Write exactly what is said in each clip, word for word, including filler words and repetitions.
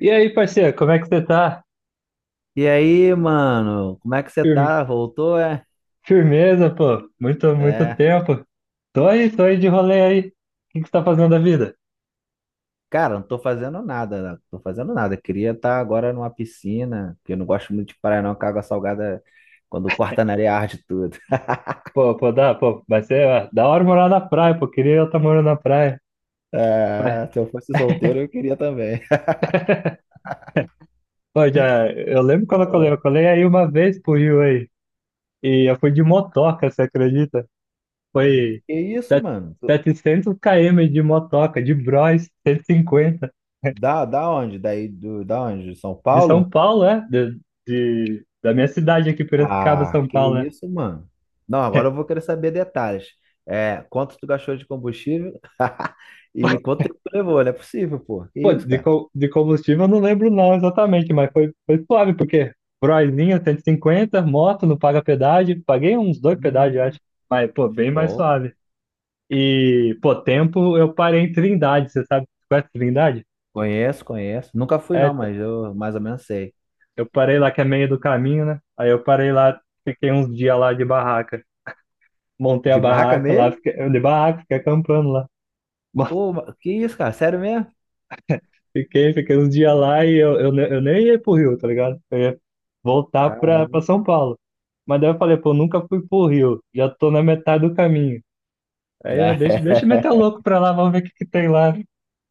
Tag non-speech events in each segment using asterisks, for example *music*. E aí, parceiro, como é que você tá? E aí, mano, como é que você Fir- tá? Voltou, é? Firmeza, pô. Muito, muito É. tempo. Tô aí, tô aí de rolê aí. O que que você tá fazendo da vida? Cara, não tô fazendo nada, não tô fazendo nada. Queria estar agora numa piscina, porque eu não gosto muito de praia, não, que a água salgada, quando corta na areia, arde tudo. *laughs* Pô, pô, dá, pô, vai ser ó, da hora morar na praia, pô. Queria eu estar morando na praia. Mas, É, se eu fosse solteiro, eu queria também. pô, já, eu lembro quando eu colei. Eu colei aí uma vez pro Rio aí. E eu fui de motoca, você acredita? Foi Que isso, set- mano? Tu- setecentos km de motoca, de Bros, cento e cinquenta. Da, da onde? Daí do, da onde? De São De São Paulo? Paulo, é? De, de- da minha cidade aqui, Piracicaba, Ah, São que Paulo, é. isso, mano? Não, agora eu *laughs* vou querer saber detalhes. É, quanto tu gastou de combustível? *laughs* E quanto tempo tu levou? Não é possível, pô. Que Pô, isso, de, cara? co- de combustível eu não lembro não exatamente, mas foi, foi suave, porque Broizinho cento e cinquenta, moto, não paga pedágio. Paguei uns dois pedágios, eu Hum. acho, mas, pô, bem mais Show. suave. E, pô, tempo eu parei em Trindade. Você sabe, conhece Trindade? Conheço, conheço. Nunca fui É, não, t- mas eu mais ou menos sei. eu parei lá que é meio do caminho, né? Aí eu parei lá, fiquei uns dias lá de barraca, montei a De barraca barraca lá, mesmo? fiquei, de barraca, fiquei acampando lá. Pô, ma- que isso, cara? Sério mesmo? Fiquei, fiquei uns dias lá e eu, eu, ne- eu nem ia pro Rio, tá ligado? Eu ia voltar pra, Caramba, pra São Paulo. Mas daí eu falei, pô, nunca fui pro Rio, já tô na metade do caminho. Aí eu: "Ah, já deixa, deixa eu é. meter o *laughs* louco pra lá, vamos ver o que que tem lá."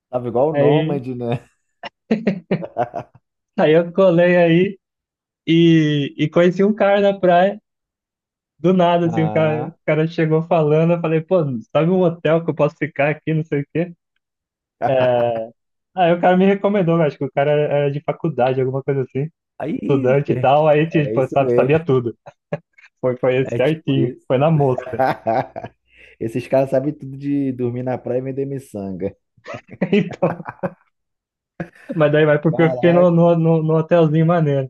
Tava igual o Aí, Nômade, né? aí eu colei aí e, e conheci um cara na praia, do nada, assim. O cara, o Ah, cara chegou falando, eu falei, pô, sabe um hotel que eu posso ficar aqui, não sei o quê? É, aí o cara me recomendou. Eu acho que o cara era era de faculdade, alguma coisa assim, aí, estudante e per- tal. Aí é tipo, isso sabe, mesmo. sabia tudo. Foi, foi esse É tipo certinho, isso. foi na mosca. *laughs* *laughs* Esses caras sabem tudo de dormir na praia e vender miçanga. Então, mas daí vai porque eu fiquei no, Caraca. no, no, no hotelzinho maneiro.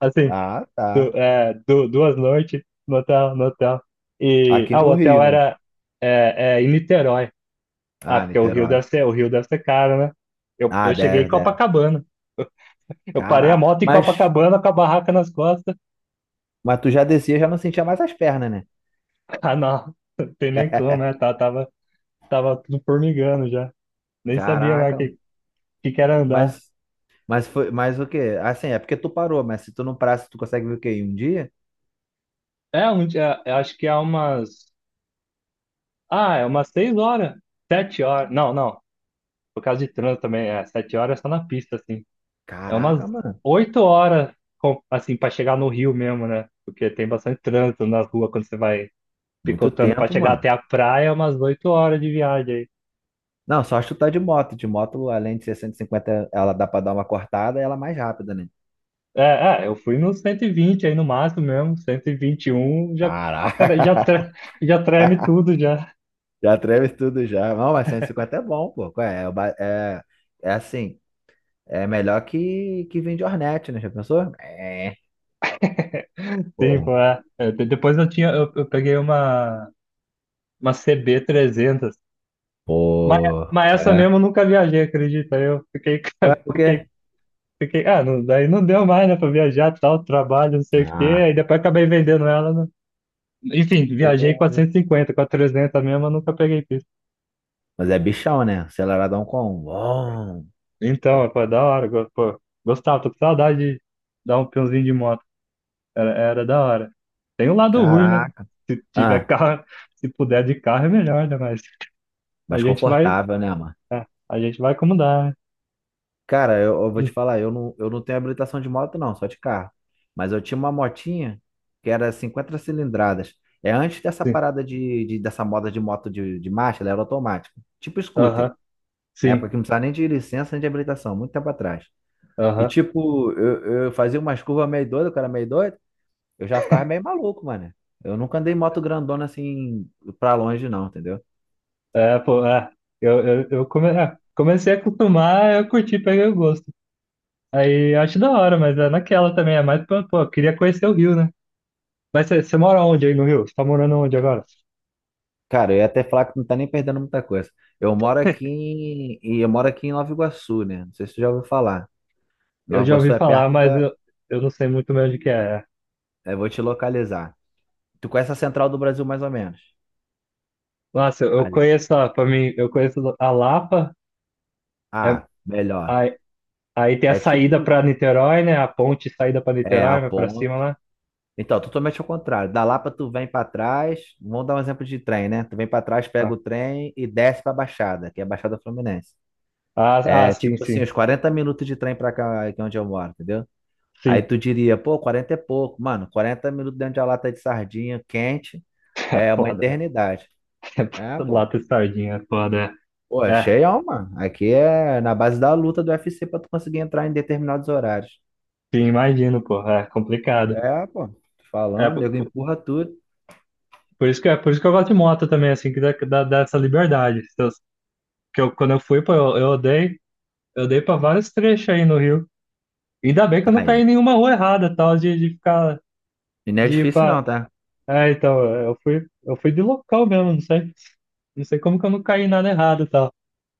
Assim, Ah, du, tá. é, du, duas noites no hotel, no hotel. E Aqui ah, o no hotel Rio, né? era é, é em Niterói. Ah, Ah, porque o Rio Niterói. deve ser, o Rio deve ser caro, né? Eu, Ah, eu cheguei em deve, deve. Copacabana. Eu parei a Caraca. moto em Mas, Copacabana com a barraca nas costas. mas tu já descia, já não sentia mais as pernas, né? *laughs* Ah, não, não tem nem como, né? Tava, tava, tava tudo formigando já. Nem sabia mais o Caraca, que, que, que era andar. Mas, mas foi, mas o quê? Assim, é porque tu parou, mas se tu não parar, se tu consegue ver o quê? Em um dia? É, um, dia- eu acho que há umas. Ah, é umas seis horas. Sete horas. Não, não. Por causa de trânsito também. É, sete horas é só na pista, assim. É umas Caraca, mano. oito horas, com- assim, pra chegar no Rio mesmo, né? Porque tem bastante trânsito nas ruas quando você vai Muito picotando pra tempo, chegar mano. até a praia. É umas oito horas de viagem aí. Não, só chutar de moto. De moto, além de ser cento e cinquenta ela dá pra dar uma cortada e ela é mais rápida, né? É, é, eu fui no cento e vinte aí no máximo mesmo. cento e vinte e um já, já, Caraca. tre- já treme *laughs* tudo já. Já treme tudo já. Não, mas cento e cinquenta é bom, pô. Qual É, É o ba- é, é assim, é melhor que, que vir de Hornet, né? Já pensou? É, Sim, pô. pô, é. É, de- Depois eu tinha, eu, eu peguei uma, uma C B trezentos. Mas, Pô, mas essa é. mesmo eu nunca viajei, acredita? Eu fiquei, Ué, *laughs* por quê? fiquei, fiquei, ah, não, daí não deu mais, né, pra viajar, tal, trabalho, não sei o quê. Ah. Aí depois acabei vendendo ela, né? Enfim, viajei com a cento e cinquenta. Com a trezentos mesmo, eu nunca peguei pista. Mas é bichão, né? Aceleradão com um. Bom. Então, foi da hora. go- pô, gostava, tô com saudade de dar um peãozinho de moto. Era, era da hora. Tem um lado ruim, né? Caraca. Se tiver Ah, carro, *laughs* se puder de carro é melhor, né, mas a mais gente vai, confortável, né, mano? é, a gente vai como dá, né? Cara, eu, eu vou te falar, eu não, eu não tenho habilitação de moto, não, só de carro. Mas eu tinha uma motinha que era cinquenta cilindradas. É antes dessa Sim, parada de, de- dessa moda de moto de, de marcha, ela era automática. Tipo scooter, aham, né? sim, Porque não precisava nem de licença nem de habilitação, muito tempo atrás. E aham. tipo, eu, eu fazia umas curvas meio doido, o cara meio doido, eu já ficava meio maluco, mano. Eu nunca andei em moto grandona assim pra longe, não, entendeu? É, pô, é. Eu, eu, eu come- é, comecei a acostumar, eu curti, peguei o gosto. Aí eu acho da hora, mas é naquela também. É mais, pra- pô, eu queria conhecer o Rio, né? Mas você você mora onde aí no Rio? Você tá morando onde agora? Cara, eu ia até falar que não tá nem perdendo muita coisa. Eu moro aqui em, e eu moro aqui em Nova Iguaçu, né? Não sei se tu já ouviu falar. Eu Nova já Iguaçu ouvi é falar, perto mas da. eu, eu não sei muito bem onde que é. Eu vou te localizar. Tu conhece a Central do Brasil mais ou menos? Nossa, eu, eu Ali- conheço, ó, pra mim, eu conheço a Lapa, é. Ah, melhor. aí, aí tem a É saída tipo. pra Niterói, né? A ponte saída pra É a Niterói, vai pra cima ponte. lá. Então, totalmente ao contrário. Da Lapa tu vem pra trás. Vamos dar um exemplo de trem, né? Tu vem pra trás, pega Ah, o trem e desce pra Baixada, que é a Baixada Fluminense. ah, ah, É sim, tipo assim, sim, uns quarenta minutos de trem pra cá, que é onde eu moro, entendeu? Aí sim. tu diria, pô, quarenta é pouco. Mano, quarenta minutos dentro de uma lata de sardinha quente *laughs* É é uma foda, eternidade. né? *laughs* É, pô. Lata e sardinha, é foda, Pô, é. é É, cheião, mano. Aqui é na base da luta do UFC pra tu conseguir entrar em determinados horários. sim, imagino, pô. É complicado. É, pô. Tô É, falando, po- nego po- empurra tudo. por isso que, é por isso que eu gosto de moto também, assim, que dá, que dá, dá essa liberdade. Se eu- que eu, quando eu fui, pô, eu, eu dei, eu dei pra vários trechos aí no Rio. Ainda bem que eu não caí Aí. em nenhuma rua errada, tal, de, de ficar, E não é de ir difícil pra... não, tá? É, então, eu fui, eu fui de local mesmo. não sei, não sei como que eu não caí em nada errado, tal.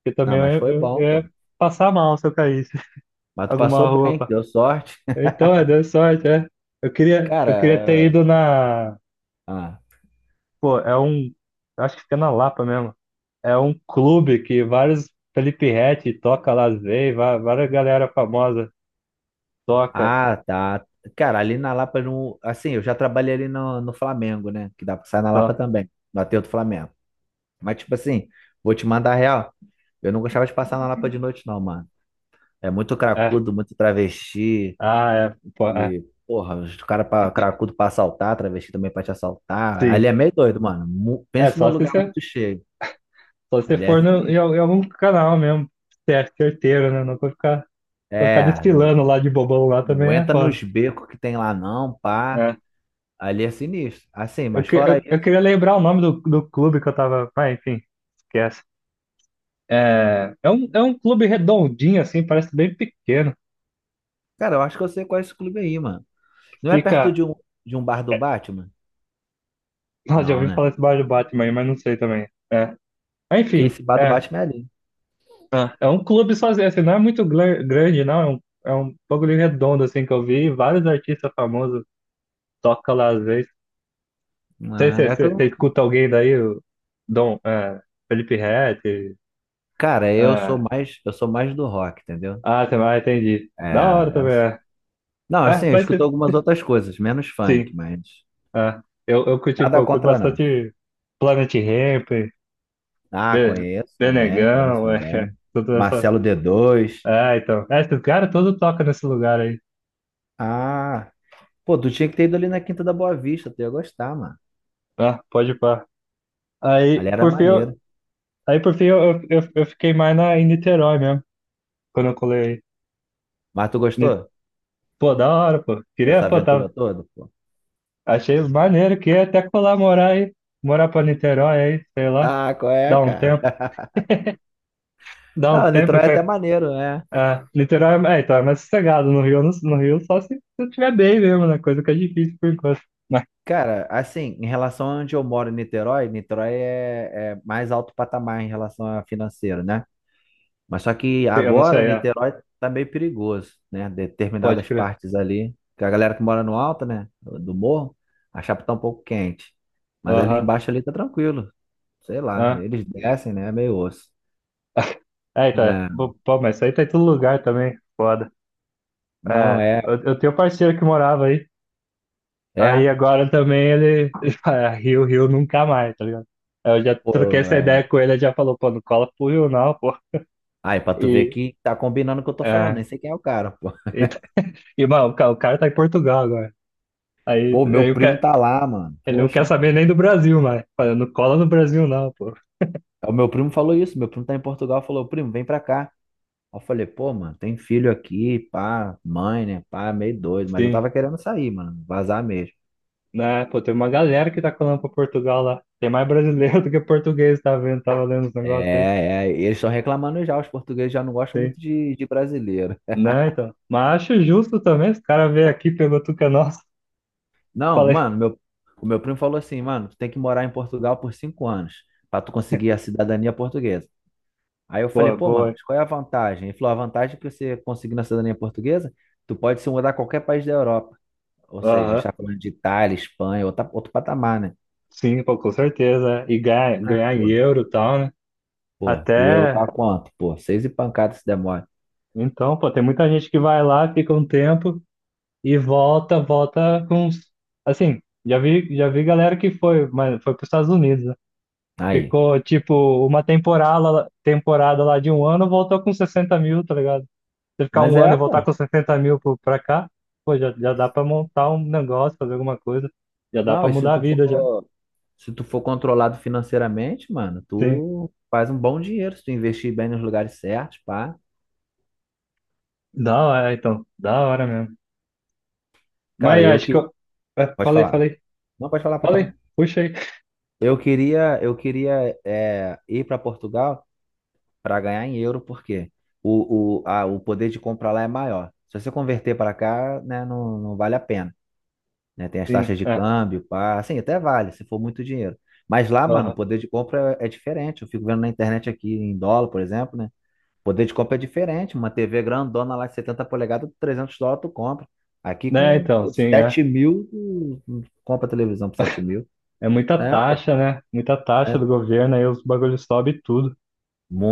Porque Ah, também mas eu, foi eu, eu bom, pô. ia passar mal se eu caísse *laughs* Mas tu passou alguma rua, bem, pá. deu sorte. Então, é, deu sorte, é. Eu *laughs* queria, eu queria ter Cara, ido na... ah, Pô, é um. Acho que fica na Lapa mesmo. É um clube que vários. Felipe Ret toca lá, às va- várias galera famosa toca. ah, tá. Cara, ali na Lapa, não, assim, eu já trabalhei ali no, no Flamengo, né? Que dá pra sair na Lapa Ó, também, no Aterro do Flamengo. Mas, tipo assim, vou te mandar real. Eu não gostava de passar na Lapa de noite, não, mano. É muito é. cracudo, muito travesti. Ah, é. Pô, é. E, porra, os cara pra cracudo pra assaltar, travesti também pra te assaltar. Ali Sim. é meio doido, mano. Mu- É, Pensa num só se lugar você, muito cheio. só se você Ali é for no, em, al- sinistro. em algum canal mesmo. Você é certeiro, né? Não vai ficar, vai ficar É, não, desfilando lá de bobão lá não também é entra foda. nos becos que tem lá, não, pá. É. Ali é sinistro. Assim, Eu, mas que- fora eu, isso, eu queria lembrar o nome do, do clube que eu tava. Ah, enfim, esquece. É, é um, é um clube redondinho, assim, parece bem pequeno. cara, eu acho que eu sei qual é esse clube aí, mano. Não é perto Fica. de um, de um bar do Batman? *laughs* Nossa, já Não, ouvi né? falar esse bar do Batman aí, mas não sei também. É. Mas, Porque enfim, esse bar do é. Batman é ali. Ah, é um clube sozinho, assim, não é muito gla- grande, não. É um, é um bagulho redondo, assim, que eu vi. Vários artistas famosos tocam lá às vezes. Não sei Ah, se é que você se, se eu. escuta alguém daí, o Dom, é, Felipe Ret. Cara, eu sou É. mais, eu sou mais do rock, entendeu? Ah, você vai, entendi. É, Da hora é- também, assim. é. Não, assim, É, eu mas escuto se- algumas outras coisas, menos funk, sim, mas é. Eu, eu curti, pô, nada eu curto contra não. bastante Planet Hemp, Ah, Be- conheço também, conheço Benegão, é, *laughs* também. toda essa. Marcelo D dois. É, então. É, esse cara todo toca nesse lugar aí. Ah, pô, tu tinha que ter ido ali na Quinta da Boa Vista, tu ia gostar, mano. Ah, pode pá. Ali Aí, era por fim, eu, maneiro. aí, por fim, eu, eu, eu fiquei mais na, em Niterói mesmo, quando eu colei aí. Mas tu Ni- gostou Pô, da hora, pô. dessa Queria, pô, aventura tava, toda, pô? achei maneiro, queria até colar morar aí, morar pra Niterói aí, sei lá, Ah, qual é, dá um cara? tempo, *laughs* dá um Não, tempo Niterói é até que... maneiro, né? É, Niterói, é, então, é mais sossegado. No Rio, no, no Rio só se, se eu tiver bem mesmo, né, coisa que é difícil por enquanto. Mas, Cara, assim, em relação a onde eu moro, em Niterói, Niterói é, é mais alto patamar em relação a financeiro, né? Mas só que eu não agora sei, é, Niterói tá meio perigoso, né? pode Determinadas crer. partes ali, que a galera que mora no alto, né, do morro, a chapa tá um pouco quente. Mas ali Aham, embaixo ali tá tranquilo, sei lá, aham. eles descem, né, é meio osso. É, então, é. É, Bo- Pô, mas isso aí tá em todo lugar também, foda. não, É, é, eu, eu tenho um parceiro que morava aí. Aí é, agora também ele, *laughs* ele fala, "É, Rio, Rio nunca mais, tá ligado?" Aí eu já troquei pô, essa é. ideia com ele, ele já falou, pô, não cola pro Rio não, pô. Aí, pra tu ver E, que tá combinando o que eu tô falando, é, nem sei quem é o cara, pô. e, tá, e mano, o cara, o cara tá em Portugal agora. Aí, Pô, meu aí o primo ca- tá lá, mano, ele não quer poxa. saber nem do Brasil, mas fala, não cola no Brasil não, pô. O meu primo falou isso, meu primo tá em Portugal, falou, primo, vem pra cá. Aí eu falei, pô, mano, tem filho aqui, pá, mãe, né? Pá, meio doido. Mas eu Sim, tava querendo sair, mano, vazar mesmo. né, pô, tem uma galera que tá colando pra Portugal lá. Tem mais brasileiro *laughs* do que português, tá vendo? Tava lendo os negócios aí. É, é, eles estão reclamando já, os portugueses já não gostam Sim. muito de, de brasileiro. Né, então. Mas acho justo também. Os caras veio aqui, pegou tudo que é nosso. Não, Falei. mano, meu, o meu primo falou assim, mano, tu tem que morar em Portugal por cinco anos pra tu conseguir a *laughs* cidadania portuguesa. Aí eu falei, Boa, pô, mano, boa. mas qual é a vantagem? Ele falou, a vantagem é que você conseguindo a cidadania portuguesa, tu pode se mudar a qualquer país da Europa. Ou seja, a gente Aham. tá falando de Itália, Espanha, outra, outro patamar, né? Sim, pô, com certeza, né, e ganhar, Ah, ganhar em pô. euro e tal, né? Pô, o euro Até. tá quanto? Pô, seis e pancada se demora. Então, pô, tem muita gente que vai lá, fica um tempo e volta, volta com uns... Assim, já vi, já vi galera que foi, mas foi para os Estados Unidos, né? Aí. Ficou, tipo, uma temporada, temporada lá de um ano, voltou com sessenta mil, tá ligado? Você ficar Mas um ano é, e voltar pô. com sessenta mil pro- pra cá, pô, já, já dá pra montar um negócio, fazer alguma coisa. Já dá pra Não, e se mudar a tu vida já. for, se tu for controlado financeiramente, mano, Sim. tu faz um bom dinheiro se tu investir bem nos lugares certos, pá. Da hora, então. Da hora mesmo. Mas Cara, eu acho que que. eu. É, Pode falei, falar. falei. Não, pode falar, pode Falei. falar. Puxa aí. Eu queria, eu queria é, ir para Portugal para ganhar em euro, porque o, o, a, o poder de compra lá é maior. Se você converter para cá, né, não, não vale a pena. Né? Tem *laughs* as Sim, taxas de é. câmbio, pá, assim, até vale, se for muito dinheiro. Mas lá, mano, o Aham. poder de compra é é diferente. Eu fico vendo na internet aqui em dólar, por exemplo, né? O poder de compra é diferente. Uma T V grandona lá de setenta polegadas, trezentos dólares tu compra. Aqui Né, com então, sim, é. sete mil, tu tu compra televisão por sete mil. É muita É, pô, taxa, né? Muita taxa do é governo, aí os bagulhos sobem tudo.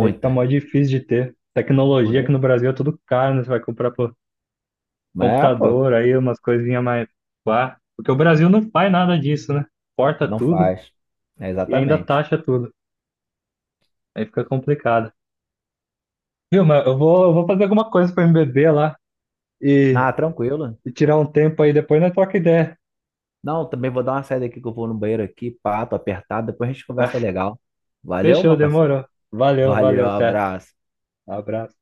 Aí fica mó difícil de ter. Pô, Tecnologia aqui né? no Brasil é tudo caro, né? Você vai comprar pô, Mas, é, pô, computador, aí umas coisinhas mais. Pá. Porque o Brasil não faz nada disso, né? Porta não tudo. faz. É E ainda exatamente. taxa tudo. Aí fica complicado. Viu, mas eu vou, eu vou fazer alguma coisa pra me beber lá e, Ah, tranquilo. e tirar um tempo aí, depois nós troca ideia. Não, também vou dar uma saída aqui que eu vou no banheiro aqui, pato apertado. Depois a gente conversa *laughs* legal. Valeu, Fechou, meu parceiro. demorou. Valeu, Valeu, valeu, até. abraço. Abraço.